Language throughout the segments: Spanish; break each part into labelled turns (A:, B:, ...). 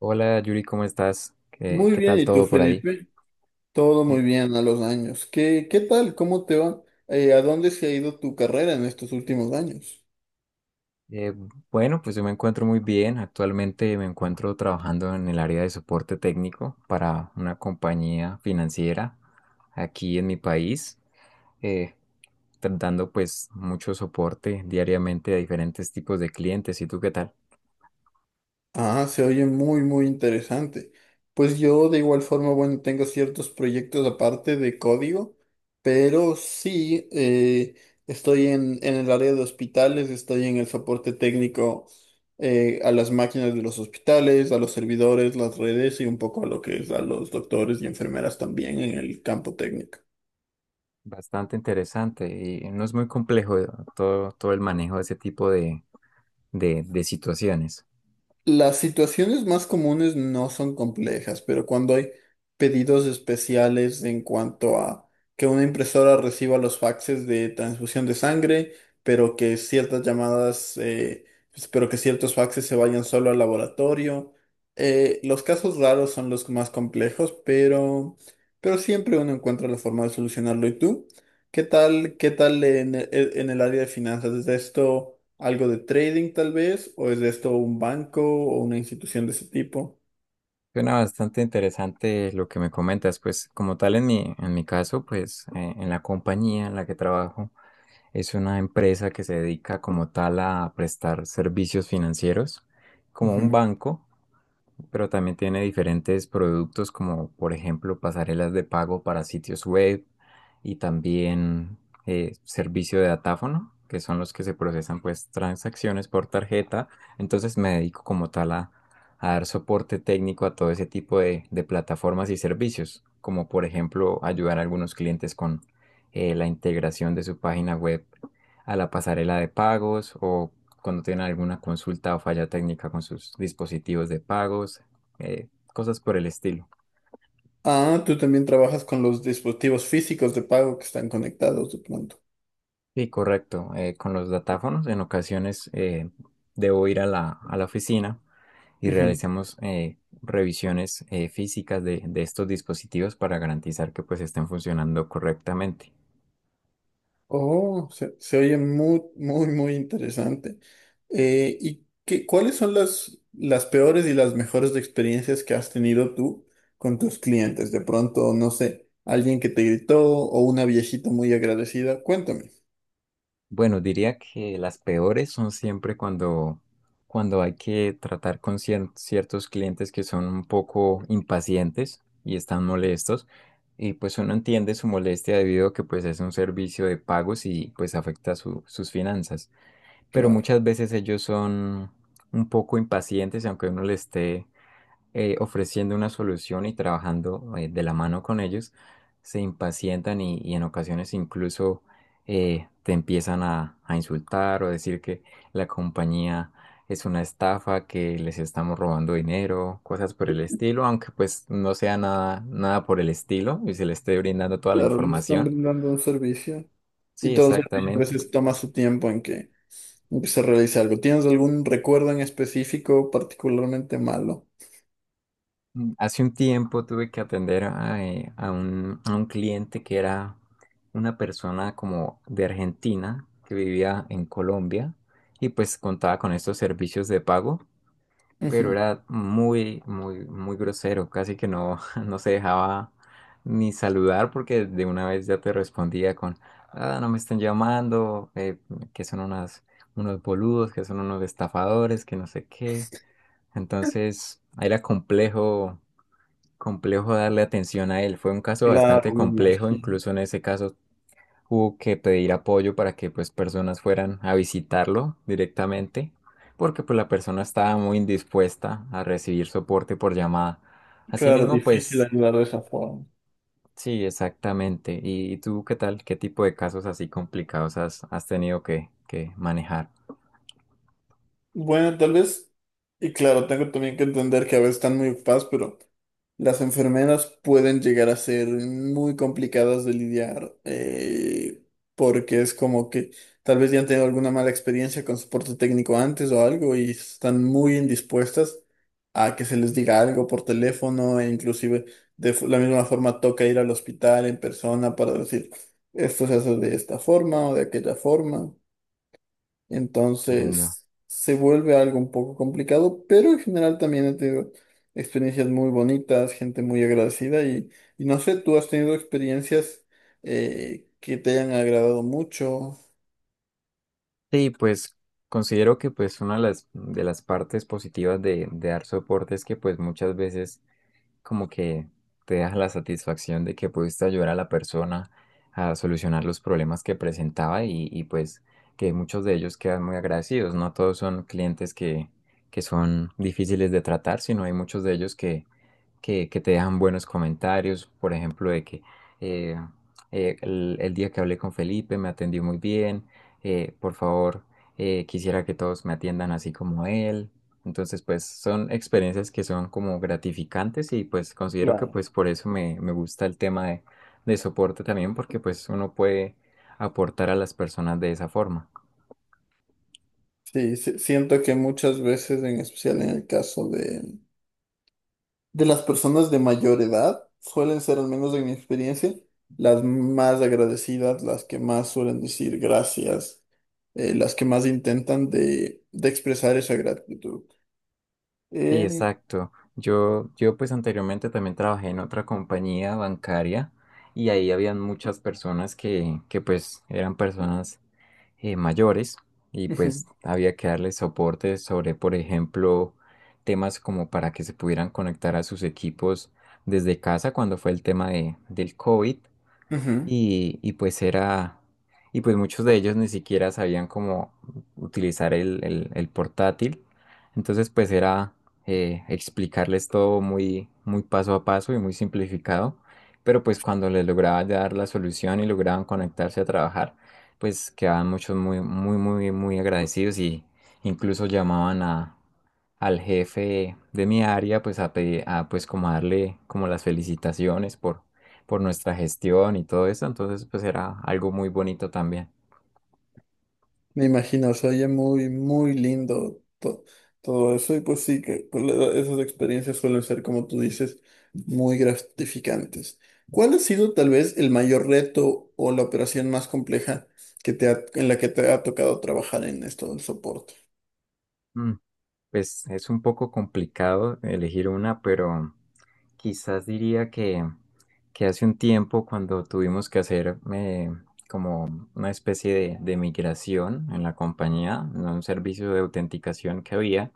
A: Hola Yuri, ¿cómo estás? ¿Qué,
B: Muy
A: qué
B: bien,
A: tal
B: ¿y tú,
A: todo por ahí?
B: Felipe? Todo muy
A: Eh,
B: bien a los años. ¿¿Qué tal? ¿Cómo te va? ¿A dónde se ha ido tu carrera en estos últimos años?
A: Eh, bueno, pues yo me encuentro muy bien. Actualmente me encuentro trabajando en el área de soporte técnico para una compañía financiera aquí en mi país, eh, dando pues mucho soporte diariamente a diferentes tipos de clientes. ¿Y tú qué tal?
B: Ah, se oye muy interesante. Pues yo de igual forma, bueno, tengo ciertos proyectos aparte de código, pero sí, estoy en el área de hospitales, estoy en el soporte técnico a las máquinas de los hospitales, a los servidores, las redes y un poco a lo que es a los doctores y enfermeras también en el campo técnico.
A: Bastante interesante y no es muy complejo todo, el manejo de ese tipo de situaciones.
B: Las situaciones más comunes no son complejas, pero cuando hay pedidos especiales en cuanto a que una impresora reciba los faxes de transfusión de sangre, pero que ciertas llamadas, pero que ciertos faxes se vayan solo al laboratorio. Los casos raros son los más complejos, pero siempre uno encuentra la forma de solucionarlo. ¿Y tú? ¿¿Qué tal en, en el área de finanzas? ¿Es de esto algo de trading tal vez? ¿O es de esto un banco o una institución de ese tipo?
A: Suena bastante interesante lo que me comentas, pues como tal en mi caso, pues en la compañía en la que trabajo es una empresa que se dedica como tal a prestar servicios financieros, como un
B: Ujú.
A: banco, pero también tiene diferentes productos como, por ejemplo, pasarelas de pago para sitios web, y también servicio de datáfono, que son los que se procesan pues transacciones por tarjeta. Entonces me dedico como tal a, dar soporte técnico a todo ese tipo de plataformas y servicios, como, por ejemplo, ayudar a algunos clientes con la integración de su página web a la pasarela de pagos, o cuando tienen alguna consulta o falla técnica con sus dispositivos de pagos, cosas por el estilo.
B: Ah, tú también trabajas con los dispositivos físicos de pago que están conectados de pronto.
A: Sí, correcto. Con los datáfonos, en ocasiones debo ir a la, oficina y realizamos revisiones físicas de estos dispositivos, para garantizar que pues estén funcionando correctamente.
B: Oh, se oye muy interesante. ¿Y qué, cuáles son las peores y las mejores experiencias que has tenido tú con tus clientes? De pronto, no sé, alguien que te gritó o una viejita muy agradecida. Cuéntame.
A: Bueno, diría que las peores son siempre cuando hay que tratar con ciertos clientes que son un poco impacientes y están molestos. Y pues uno entiende su molestia, debido a que pues es un servicio de pagos y pues afecta sus finanzas. Pero
B: Claro,
A: muchas veces ellos son un poco impacientes, y aunque uno le esté ofreciendo una solución y trabajando de la mano con ellos, se impacientan, y en ocasiones incluso te empiezan a insultar, o decir que la compañía es una estafa, que les estamos robando dinero, cosas por el estilo, aunque pues no sea nada, nada por el estilo, y se le esté brindando toda la
B: claro, le están
A: información.
B: brindando un servicio y
A: Sí,
B: todo el servicio a
A: exactamente.
B: veces toma su tiempo en en que se realice algo. ¿Tienes algún recuerdo en específico particularmente malo?
A: Hace un tiempo tuve que atender a un cliente que era una persona como de Argentina que vivía en Colombia, y pues contaba con estos servicios de pago, pero
B: Ujú.
A: era muy, muy, muy grosero, casi que no, no se dejaba ni saludar, porque de una vez ya te respondía con, ah, no me están llamando, que son unos boludos, que son unos estafadores, que no sé qué. Entonces era complejo darle atención a él. Fue un caso bastante
B: Claro, me
A: complejo,
B: imagino.
A: incluso en ese caso hubo que pedir apoyo para que pues personas fueran a visitarlo directamente, porque pues la persona estaba muy indispuesta a recibir soporte por llamada.
B: Claro,
A: Asimismo,
B: difícil
A: pues
B: ayudar de esa forma.
A: sí, exactamente. ¿Y tú qué tal? ¿Qué tipo de casos así complicados has tenido que manejar?
B: Bueno, tal vez, y claro, tengo también que entender que a veces están muy ocupadas, pero las enfermeras pueden llegar a ser muy complicadas de lidiar, porque es como que tal vez ya han tenido alguna mala experiencia con soporte técnico antes o algo y están muy indispuestas a que se les diga algo por teléfono e inclusive de la misma forma toca ir al hospital en persona para decir esto se hace de esta forma o de aquella forma.
A: Entiendo.
B: Entonces se vuelve algo un poco complicado, pero en general también he tenido experiencias muy bonitas, gente muy agradecida y no sé, ¿tú has tenido experiencias que te hayan agradado mucho?
A: Sí, pues considero que pues una de las, partes positivas de dar soporte, es que pues muchas veces como que te deja la satisfacción de que pudiste ayudar a la persona a solucionar los problemas que presentaba, y pues que muchos de ellos quedan muy agradecidos. No todos son clientes que son difíciles de tratar, sino hay muchos de ellos que te dejan buenos comentarios, por ejemplo, de que eh, el día que hablé con Felipe me atendió muy bien, por favor, quisiera que todos me atiendan así como él. Entonces, pues son experiencias que son como gratificantes, y pues considero que
B: Claro.
A: pues por eso me, gusta el tema de soporte también, porque pues uno puede aportar a las personas de esa forma.
B: Sí, sí, siento que muchas veces, en especial en el caso de las personas de mayor edad, suelen ser, al menos en mi experiencia, las más agradecidas, las que más suelen decir gracias, las que más intentan de expresar esa gratitud.
A: Sí,
B: Eh,
A: exacto. Yo pues anteriormente también trabajé en otra compañía bancaria, y ahí habían muchas personas que, pues eran personas mayores, y
B: ujú,
A: pues había que darles soporte sobre, por ejemplo, temas como para que se pudieran conectar a sus equipos desde casa cuando fue el tema del COVID.
B: ujú.
A: Y y pues muchos de ellos ni siquiera sabían cómo utilizar el portátil. Entonces pues era explicarles todo muy, muy paso a paso y muy simplificado. Pero pues cuando les lograba dar la solución y lograban conectarse a trabajar, pues quedaban muchos muy, muy, muy, muy agradecidos, y incluso llamaban al jefe de mi área pues a pues como a darle como las felicitaciones, por nuestra gestión y todo eso. Entonces pues era algo muy bonito también.
B: Me imagino, se oye muy lindo todo eso. Y pues sí, que con la esas experiencias suelen ser, como tú dices, muy gratificantes. ¿Cuál ha sido tal vez el mayor reto o la operación más compleja que te en la que te ha tocado trabajar en esto del soporte?
A: Mm, Pues es un poco complicado elegir una, pero quizás diría que, hace un tiempo cuando tuvimos que hacer como una especie de migración en la compañía, en un servicio de autenticación que había,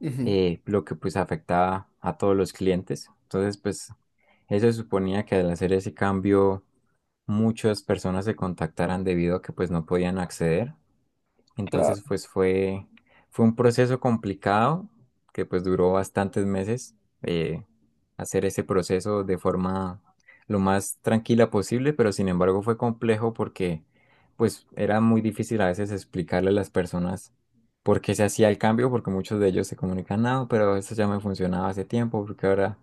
B: Ujú,
A: lo que pues afectaba a todos los clientes. Entonces pues eso suponía que al hacer ese cambio muchas personas se contactaran, debido a que pues no podían acceder. Entonces
B: claro.
A: pues fue un proceso complicado, que pues duró bastantes meses, eh, hacer ese proceso de forma lo más tranquila posible, pero sin embargo fue complejo, porque pues era muy difícil a veces explicarle a las personas por qué se hacía el cambio, porque muchos de ellos se comunican, no, pero esto ya me funcionaba hace tiempo, porque ahora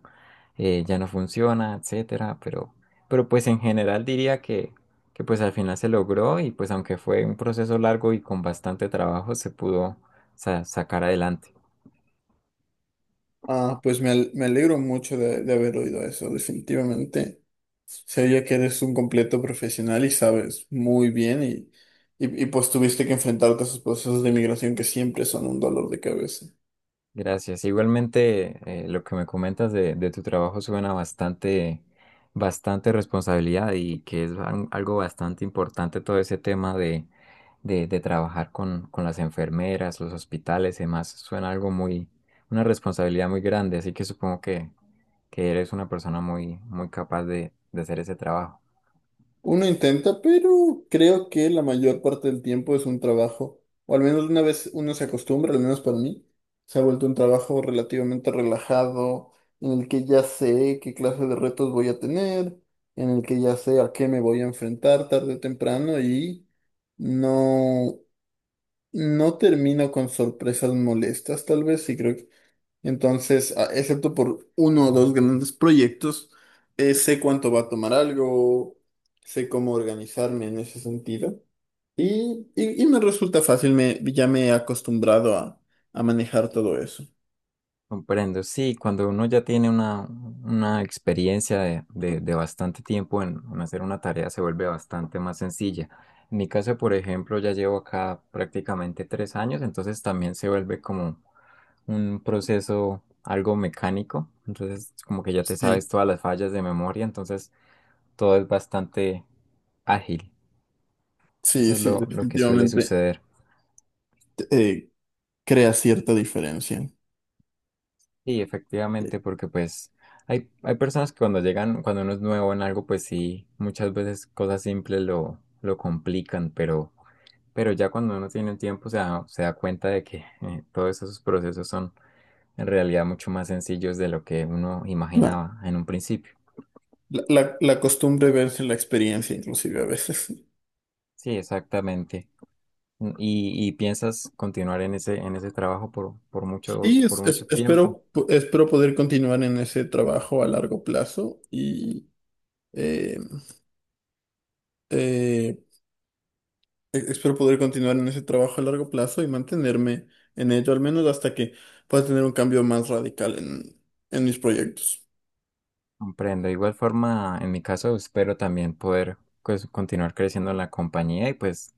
A: ya no funciona, etcétera, pero. Pero pues en general diría que pues al final se logró, y pues aunque fue un proceso largo y con bastante trabajo, se pudo sacar adelante.
B: Ah, pues me, me alegro mucho de haber oído eso, definitivamente. Se oye que eres un completo profesional y sabes muy bien y pues tuviste que enfrentarte a esos procesos de migración que siempre son un dolor de cabeza.
A: Gracias. Igualmente, lo que me comentas de, tu trabajo suena bastante responsabilidad, y que es algo bastante importante todo ese tema de trabajar con las enfermeras, los hospitales y demás. Suena algo una responsabilidad muy grande, así que supongo que, eres una persona muy, muy capaz de hacer ese trabajo.
B: Uno intenta, pero creo que la mayor parte del tiempo es un trabajo, o al menos una vez uno se acostumbra, al menos para mí, se ha vuelto un trabajo relativamente relajado, en el que ya sé qué clase de retos voy a tener, en el que ya sé a qué me voy a enfrentar tarde o temprano y no, no termino con sorpresas molestas, tal vez, y creo entonces, excepto por uno o dos grandes proyectos, sé cuánto va a tomar algo, sé cómo organizarme en ese sentido. Y me resulta fácil, me, ya me he acostumbrado a manejar todo eso.
A: Comprendo, sí, cuando uno ya tiene una, experiencia de bastante tiempo en hacer una tarea, se vuelve bastante más sencilla. En mi caso, por ejemplo, ya llevo acá prácticamente 3 años. Entonces también se vuelve como un proceso algo mecánico, entonces como que ya te
B: Sí,
A: sabes todas las fallas de memoria. Entonces todo es bastante ágil. Eso es
B: sí,
A: lo, que suele
B: definitivamente
A: suceder.
B: eh, crea cierta diferencia.
A: Sí,
B: Eh,
A: efectivamente, porque pues hay personas que cuando llegan, cuando uno es nuevo en algo, pues sí, muchas veces cosas simples lo, complican, pero ya cuando uno tiene el tiempo se da cuenta de que todos esos procesos son en realidad mucho más sencillos de lo que uno
B: claro.
A: imaginaba en un principio.
B: La, la costumbre verse la experiencia, inclusive a veces.
A: Sí, exactamente. ¿Y piensas continuar en ese trabajo por, por mucho,
B: Y
A: por mucho tiempo?
B: espero, espero poder continuar en ese trabajo a largo plazo y eh, eh, Espero poder continuar en ese trabajo a largo plazo y mantenerme en ello, al menos hasta que pueda tener un cambio más radical en mis proyectos.
A: Comprendo. De igual forma, en mi caso, espero también poder pues continuar creciendo en la compañía, y pues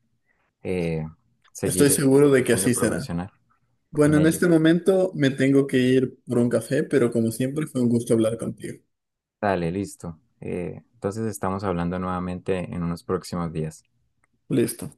A: eh,
B: Estoy
A: seguir,
B: seguro de
A: seguir
B: que
A: siendo
B: así será.
A: profesional en
B: Bueno, en
A: ello.
B: este momento me tengo que ir por un café, pero como siempre fue un gusto hablar contigo.
A: Dale, listo. Entonces estamos hablando nuevamente en unos próximos días.
B: Listo.